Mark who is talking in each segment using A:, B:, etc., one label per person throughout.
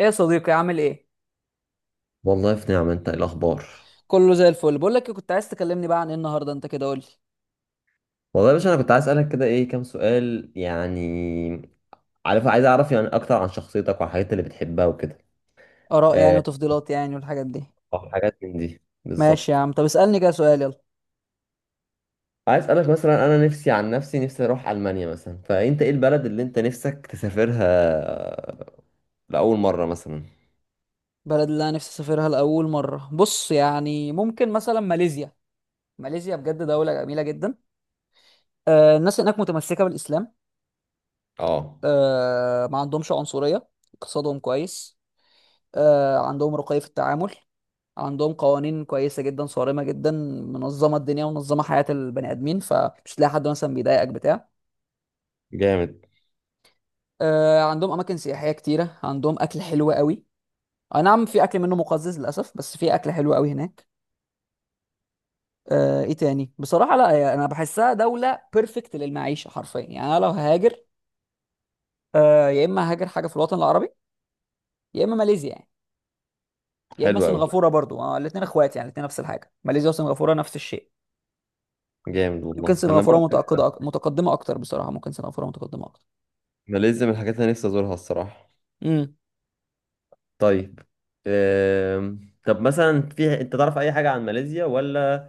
A: ايه يا صديقي؟ عامل ايه؟
B: والله في نعمة. انت ايه الاخبار؟
A: كله زي الفل. بقول لك إيه، كنت عايز تكلمني بقى عن ايه النهارده؟ انت كده قول لي
B: والله يا باشا انا كنت عايز اسالك كده ايه كام سؤال يعني. عارف عايز اعرف يعني اكتر عن شخصيتك والحاجات اللي بتحبها وكده.
A: اراء يعني
B: آه،
A: وتفضيلات يعني والحاجات دي.
B: حاجات من دي
A: ماشي يا
B: بالظبط.
A: عم، طب اسالني كده سؤال، يلا.
B: عايز اسالك مثلا، انا نفسي عن نفسي، نفسي اروح المانيا مثلا، فانت ايه البلد اللي انت نفسك تسافرها لاول مرة مثلا؟
A: بلد اللي انا نفسي اسافرها لاول مره، بص يعني ممكن مثلا ماليزيا. ماليزيا بجد دوله جميله جدا. آه الناس هناك متمسكه بالاسلام.
B: اه،
A: آه ما عندهمش عنصريه. اقتصادهم كويس. آه عندهم رقي في التعامل. عندهم قوانين كويسه جدا، صارمه جدا. منظمه الدنيا ومنظمه حياه البني ادمين، فمش تلاقي حد مثلا بيضايقك بتاع.
B: جامد.
A: آه، عندهم اماكن سياحيه كتيره، عندهم اكل حلو قوي. اي نعم في اكل منه مقزز للاسف، بس في اكل حلو قوي هناك. آه، ايه تاني؟ بصراحه لا يعني انا بحسها دوله بيرفكت للمعيشه حرفيا. يعني انا لو هاجر، آه، يا اما هاجر حاجه في الوطن العربي، يا اما ماليزيا يعني، يا اما
B: حلو قوي.
A: سنغافوره برضو. آه، الاثنين اخوات يعني، الاثنين نفس الحاجه، ماليزيا وسنغافوره نفس الشيء.
B: جامد
A: يمكن
B: والله انا
A: سنغافوره
B: برضه.
A: متقدمه متقدمه اكتر بصراحه. ممكن سنغافوره متقدمه اكتر.
B: ماليزيا من الحاجات اللي نفسي ازورها الصراحة.
A: امم.
B: طيب. آم، طب مثلا في انت تعرف اي حاجة عن ماليزيا؟ ولا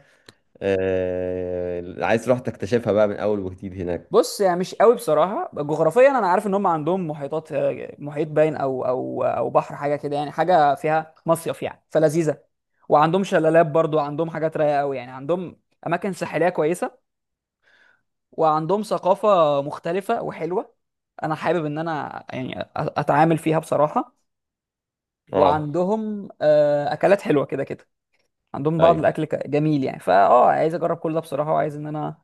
B: عايز تروح تكتشفها بقى من اول وجديد هناك؟
A: بص يعني مش قوي بصراحه جغرافيا. انا عارف ان هم عندهم محيطات، آه، محيط باين او بحر حاجه كده يعني، حاجه فيها مصيف يعني فلذيذه. وعندهم شلالات برضو، عندهم حاجات رايقه قوي يعني. عندهم اماكن ساحليه كويسه، وعندهم ثقافه مختلفه وحلوه. انا حابب ان انا يعني اتعامل فيها بصراحه.
B: اه.
A: وعندهم آه، اكلات حلوه كده كده. عندهم بعض
B: ايوه
A: الاكل جميل يعني، فاه عايز اجرب كل ده بصراحه، وعايز ان انا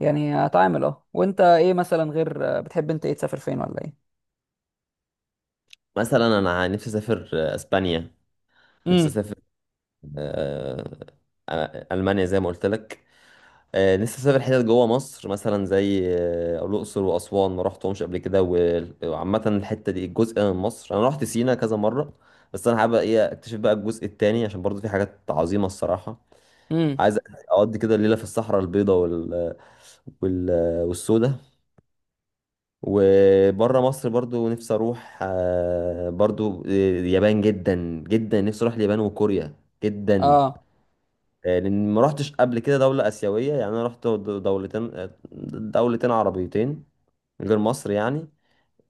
A: يعني اتعامل. اه، وانت ايه مثلا؟ غير بتحب انت، ايه تسافر فين ولا ايه؟
B: مثلا انا نفسي اسافر اسبانيا. نفسي
A: امم.
B: اسافر. آه، المانيا زي ما قلت لك. نفسي اسافر حتت جوه مصر مثلا زي الاقصر واسوان، ما رحتهمش قبل كده. وعامه الحته دي الجزء من مصر، انا رحت سينا كذا مره، بس انا حابب ايه اكتشف بقى الجزء التاني، عشان برضو في حاجات عظيمه الصراحه.
A: امم.
B: عايز اقضي كده الليله في الصحراء البيضاء وال والسوداء. وبره مصر برضو نفسي اروح برضو اليابان. جدا جدا نفسي اروح اليابان وكوريا جدا.
A: اه.
B: لان ما رحتش قبل كده دولة آسيوية يعني. انا رحت دولتين دولتين عربيتين غير مصر يعني.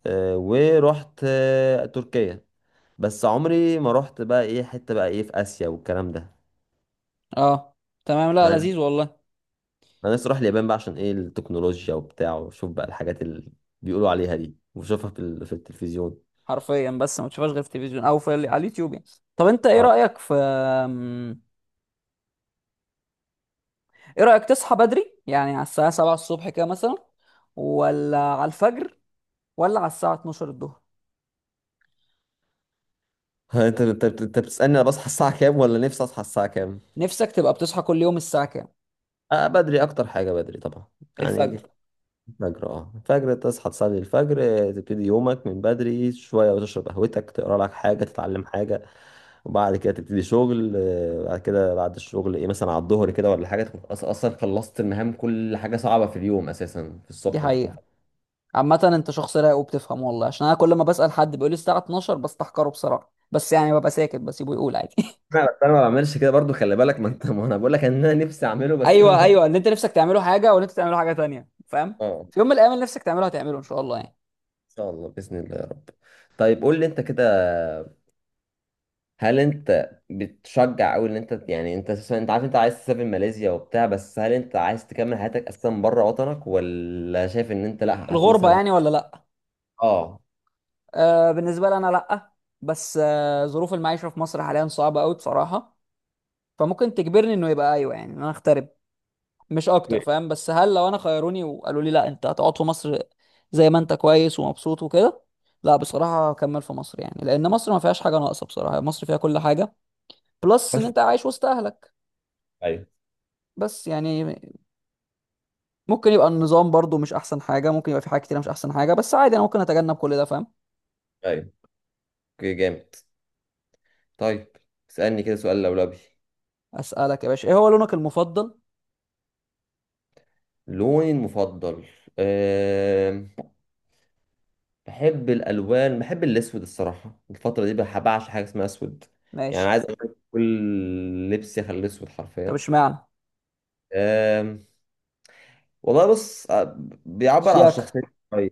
B: ورحت تركيا، بس عمري ما رحت بقى ايه حتة بقى ايه في آسيا والكلام ده.
A: اه. تمام، لا
B: انا
A: لذيذ والله.
B: أنا نفسي اروح اليابان بقى عشان ايه التكنولوجيا وبتاع، واشوف بقى الحاجات اللي بيقولوا عليها دي واشوفها في في التلفزيون.
A: حرفيا بس ما تشوفهاش غير في التلفزيون او في على اليوتيوب يعني. طب انت ايه رايك في ايه رايك تصحى بدري يعني على الساعه 7 الصبح كده مثلا، ولا على الفجر، ولا على الساعه 12 الظهر؟
B: ها، انت بتسألني انا بصحى الساعة كام، ولا نفسي اصحى الساعة كام؟
A: نفسك تبقى بتصحى كل يوم الساعه كام؟
B: آه، بدري، اكتر حاجة بدري طبعا يعني.
A: الفجر.
B: الفجر. اه الفجر، تصحى تصلي الفجر، تبتدي يومك من بدري شوية وتشرب قهوتك، تقرا لك حاجة، تتعلم حاجة، وبعد كده تبتدي شغل. بعد كده بعد الشغل ايه مثلا على الظهر كده ولا حاجة، تكون اصلا خلصت المهام. كل حاجة صعبة في اليوم اساسا في
A: دي
B: الصبح انت تكون.
A: حقيقه. عامه انت شخص رايق وبتفهم، والله عشان انا كل ما بسال حد بيقول لي الساعه 12، بستحقره بصراحه، بس يعني ببقى ساكت بسيبه يقول عادي.
B: انا بس انا ما بعملش كده برضو، خلي بالك. ما انت ما انا بقول لك ان انا نفسي اعمله، بس انا
A: ايوه
B: ما ب-
A: ايوه، ان انت نفسك تعمله حاجه وان انت تعمله حاجه تانية، فاهم؟
B: اه. ان
A: في يوم من الايام اللي نفسك تعمله هتعمله ان شاء الله يعني.
B: شاء الله، باذن الله يا رب. طيب قول لي انت كده، هل انت بتشجع او ان انت يعني، انت اساسا انت عارف انت عايز تسافر ماليزيا وبتاع، بس هل انت عايز تكمل حياتك اساسا بره وطنك، ولا شايف ان انت لا هت
A: الغربه
B: مثلا؟
A: يعني ولا لا؟
B: اه.
A: آه بالنسبه لي انا لا. بس آه ظروف المعيشه في مصر حاليا صعبه قوي بصراحه، فممكن تجبرني انه يبقى ايوه يعني، ان انا اغترب مش اكتر،
B: اوكي.
A: فاهم؟ بس هل لو انا خيروني وقالوا لي لا انت هتقعد في مصر زي ما انت كويس ومبسوط وكده؟ لا بصراحه هكمل في مصر يعني، لان مصر ما فيهاش حاجه ناقصه بصراحه، مصر فيها كل حاجه، بلس ان
B: خش.
A: انت عايش وسط اهلك.
B: ايوه
A: بس يعني ممكن يبقى النظام برضو مش احسن حاجه، ممكن يبقى في حاجات كتير مش احسن حاجه، بس عادي انا ممكن اتجنب كل ده، فاهم.
B: ايوه. اوكي، جامد. طيب اسالني كده سؤال لولبي.
A: اسالك يا باشا، ايه هو لونك المفضل؟
B: لوني المفضل. أه... بحب الالوان، بحب الاسود الصراحه الفتره دي. بعشق حاجه اسمها اسود يعني،
A: ماشي.
B: عايز أغير كل لبسي اخليه اسود
A: طب
B: حرفيا.
A: اشمعنى؟
B: أه... والله بص، بيعبر عن
A: شياكة.
B: شخصيته شوية.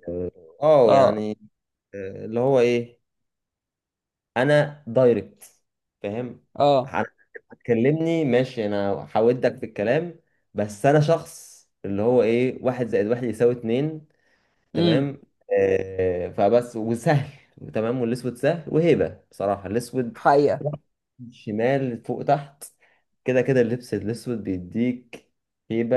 B: اه
A: اه.
B: يعني، اللي هو ايه، انا دايركت، فاهم.
A: اه.
B: انا هتكلمني ماشي، انا هودك في الكلام. بس انا شخص اللي هو ايه، واحد زائد واحد يساوي اتنين،
A: امم.
B: تمام؟ فبس وسهل. تمام. والاسود سهل وهيبه بصراحه، الاسود
A: حقيقه.
B: شمال فوق تحت كده كده. اللبس الاسود بيديك هيبه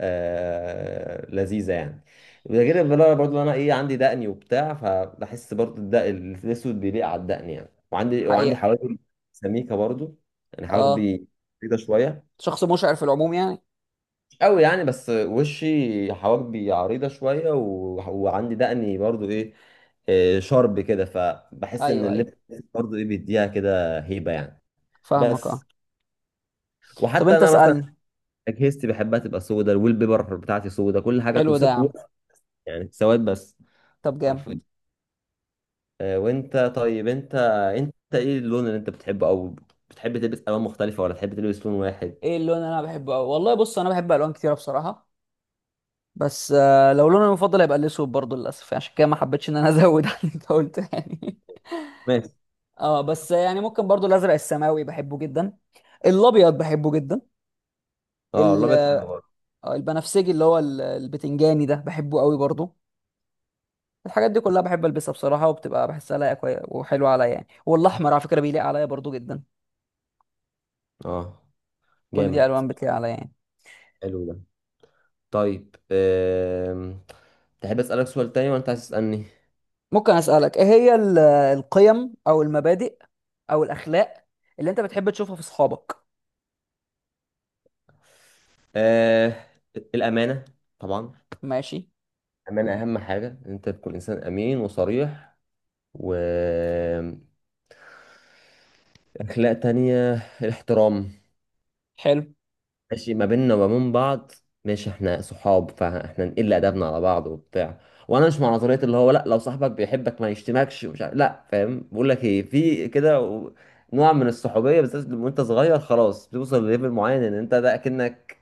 B: آه، لذيذه يعني. وده غير بقى برضه انا ايه عندي دقني وبتاع، فبحس برضه الدقن الاسود بيليق على الدقن يعني. وعندي
A: حقيقه.
B: حواجب سميكه برضه يعني.
A: اه،
B: حواجبي بيضه شويه
A: شخص مشعر في العموم يعني.
B: قوي يعني، بس وشي حواجبي عريضة شوية و... وعندي دقني برضو ايه إيه، شرب كده، فبحس ان
A: ايوه ايوه،
B: اللبس برضو ايه بيديها كده هيبة يعني.
A: فاهمك اه.
B: بس.
A: طب
B: وحتى
A: انت
B: انا مثلا
A: اسالني.
B: اجهزتي بحبها تبقى سودا، الويل بيبر بتاعتي سودا كل حاجة
A: حلو ده يا عم.
B: يعني سواد بس
A: طب جامد.
B: حرفيا. وانت طيب انت، انت ايه اللون اللي انت بتحبه، او بتحب تلبس الوان مختلفة ولا تحب تلبس لون واحد؟
A: ايه اللون اللي انا بحبه أوي؟ والله بص انا بحب الوان كتيره بصراحه. بس آه لو لوني المفضل هيبقى الاسود برضه، للاسف عشان كده ما حبيتش ان انا ازود عن اللي انت قلته يعني.
B: ماشي.
A: اه بس يعني ممكن برضو الازرق السماوي بحبه جدا. الابيض بحبه جدا.
B: اه
A: ال-
B: الابيض حلو برضه.
A: آه، البنفسجي اللي هو البتنجاني ده بحبه قوي برضو. الحاجات دي كلها بحب البسها بصراحه، وبتبقى بحسها لايقه وحلوه عليا يعني. والاحمر على فكره بيليق عليا برضو جدا.
B: اه،
A: كل دي
B: جامد.
A: الوان بتليق عليا يعني.
B: حلو ده. طيب تحب أسألك سؤال تاني ولا أنت عايز تسألني؟
A: ممكن اسالك ايه هي القيم او المبادئ او الاخلاق اللي انت بتحب تشوفها في اصحابك؟
B: أه... الأمانة طبعا.
A: ماشي.
B: الأمانة أهم حاجة، إن أنت تكون إنسان أمين وصريح، و أخلاق تانية الاحترام.
A: حلو.
B: ماشي ما بيننا وما بين بعض، ماشي احنا صحاب فاحنا نقل ادبنا على بعض وبتاع. وانا مش مع نظريه اللي هو لا لو صاحبك بيحبك ما يشتمكش ومش عارف لا، فاهم؟ بقول لك ايه، في كده نوع من الصحوبيه، بالذات لما انت صغير خلاص، بتوصل لليفل معين ان انت ده اكنك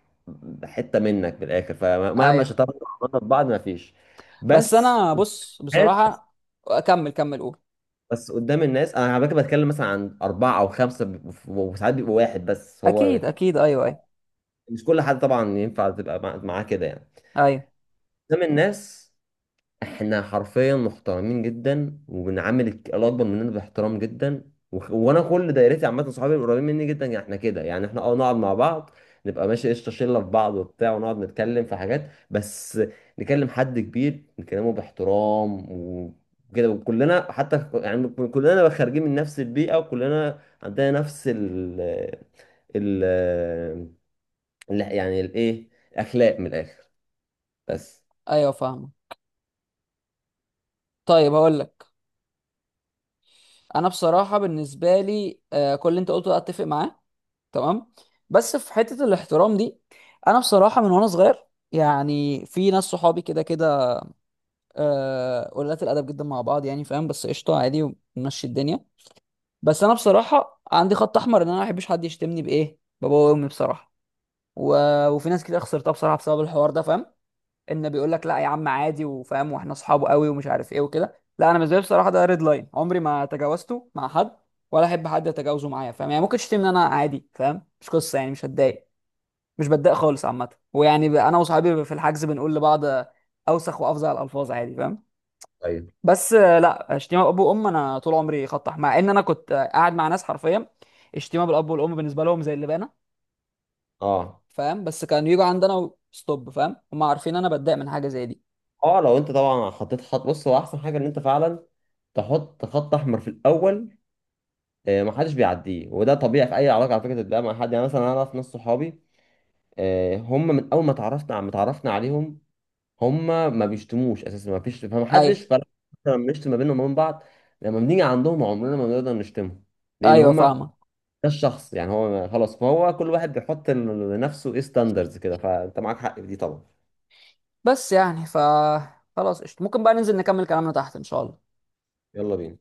B: حته منك بالاخر، فمهما
A: ايوه.
B: شطرنا وعملنا في بعض ما فيش.
A: بس
B: بس.
A: انا بص
B: هات.
A: بصراحه. اكمل، كمل قول.
B: بس قدام الناس انا على فكره بتكلم مثلا عن اربعه او خمسه وساعات بيبقى واحد بس هو.
A: اكيد اكيد، ايوه ايوه.
B: مش كل حد طبعا ينفع تبقى معاه كده يعني.
A: ايوه
B: قدام الناس احنا حرفيا محترمين جدا، وبنعامل الاكبر مننا باحترام جدا. وانا كل دايرتي عامه، صحابي القريبين مني جدا يعني، احنا كده يعني احنا اه نقعد مع بعض نبقى ماشي قشطه، شله في بعض وبتاع، ونقعد نتكلم في حاجات بس. نكلم حد كبير نكلمه باحترام وكده. وكلنا حتى كلنا خارجين من نفس البيئه، وكلنا عندنا نفس ال يعني الايه اخلاق من الاخر. بس.
A: ايوه فاهم. طيب هقول لك، انا بصراحه بالنسبه لي آه، كل اللي انت قلته ده اتفق معاه. تمام. بس في حته الاحترام دي، انا بصراحه من وانا صغير يعني في ناس صحابي كده كده، آه، قلات الادب جدا مع بعض يعني، فاهم؟ بس قشطه عادي ومشي الدنيا. بس انا بصراحه عندي خط احمر ان انا ما احبش حد يشتمني بايه بابا وامي بصراحه. و... وفي ناس كتير خسرتها بصراحه بسبب الحوار ده، فاهم؟ ان بيقول لك لا يا عم عادي وفاهم واحنا اصحابه قوي ومش عارف ايه وكده، لا انا بالنسبه لي بصراحه ده ريد لاين عمري ما تجاوزته مع حد، ولا احب حد يتجاوزه معايا، فاهم؟ يعني ممكن تشتمني ان انا عادي، فاهم؟ مش قصه يعني، مش هتضايق، مش بتضايق خالص عامه. ويعني انا وصحابي في الحجز بنقول لبعض اوسخ وافظع الالفاظ عادي، فاهم؟
B: طيب.
A: بس آه، لا شتيمه اب وام. انا طول عمري خطح، مع ان انا كنت آه، قاعد مع ناس حرفيا الشتيمه بالاب والام بالنسبه لهم زي اللبانه،
B: اه
A: فاهم؟ بس كانوا يجوا عندنا ستوب، فاهم. هم عارفين انا بتضايق من حاجه زي دي.
B: اه لو انت طبعا حطيت خط، بص هو احسن حاجه ان انت فعلا تحط خط احمر في الاول، محدش بيعديه. وده طبيعي في اي علاقه على فكره تبقى مع حد. يعني مثلا انا اعرف ناس صحابي هم من اول ما اتعرفنا، ما اتعرفنا عليهم هم ما بيشتموش اساسا، ما فيش،
A: ايوه
B: فمحدش فرق لما بنشتم ما بينهم وبين بعض، لما بنيجي عندهم عمرنا ما بنقدر نشتمهم، لان
A: ايوه
B: هم ده
A: فاهمك.
B: الشخص يعني هو خلاص. فهو كل واحد بيحط لنفسه ايه ستاندرز كده، فانت معاك حق في دي طبعا.
A: بس يعني ف، خلاص قشطة، ممكن بقى ننزل نكمل كلامنا تحت ان شاء الله.
B: يلا بينا.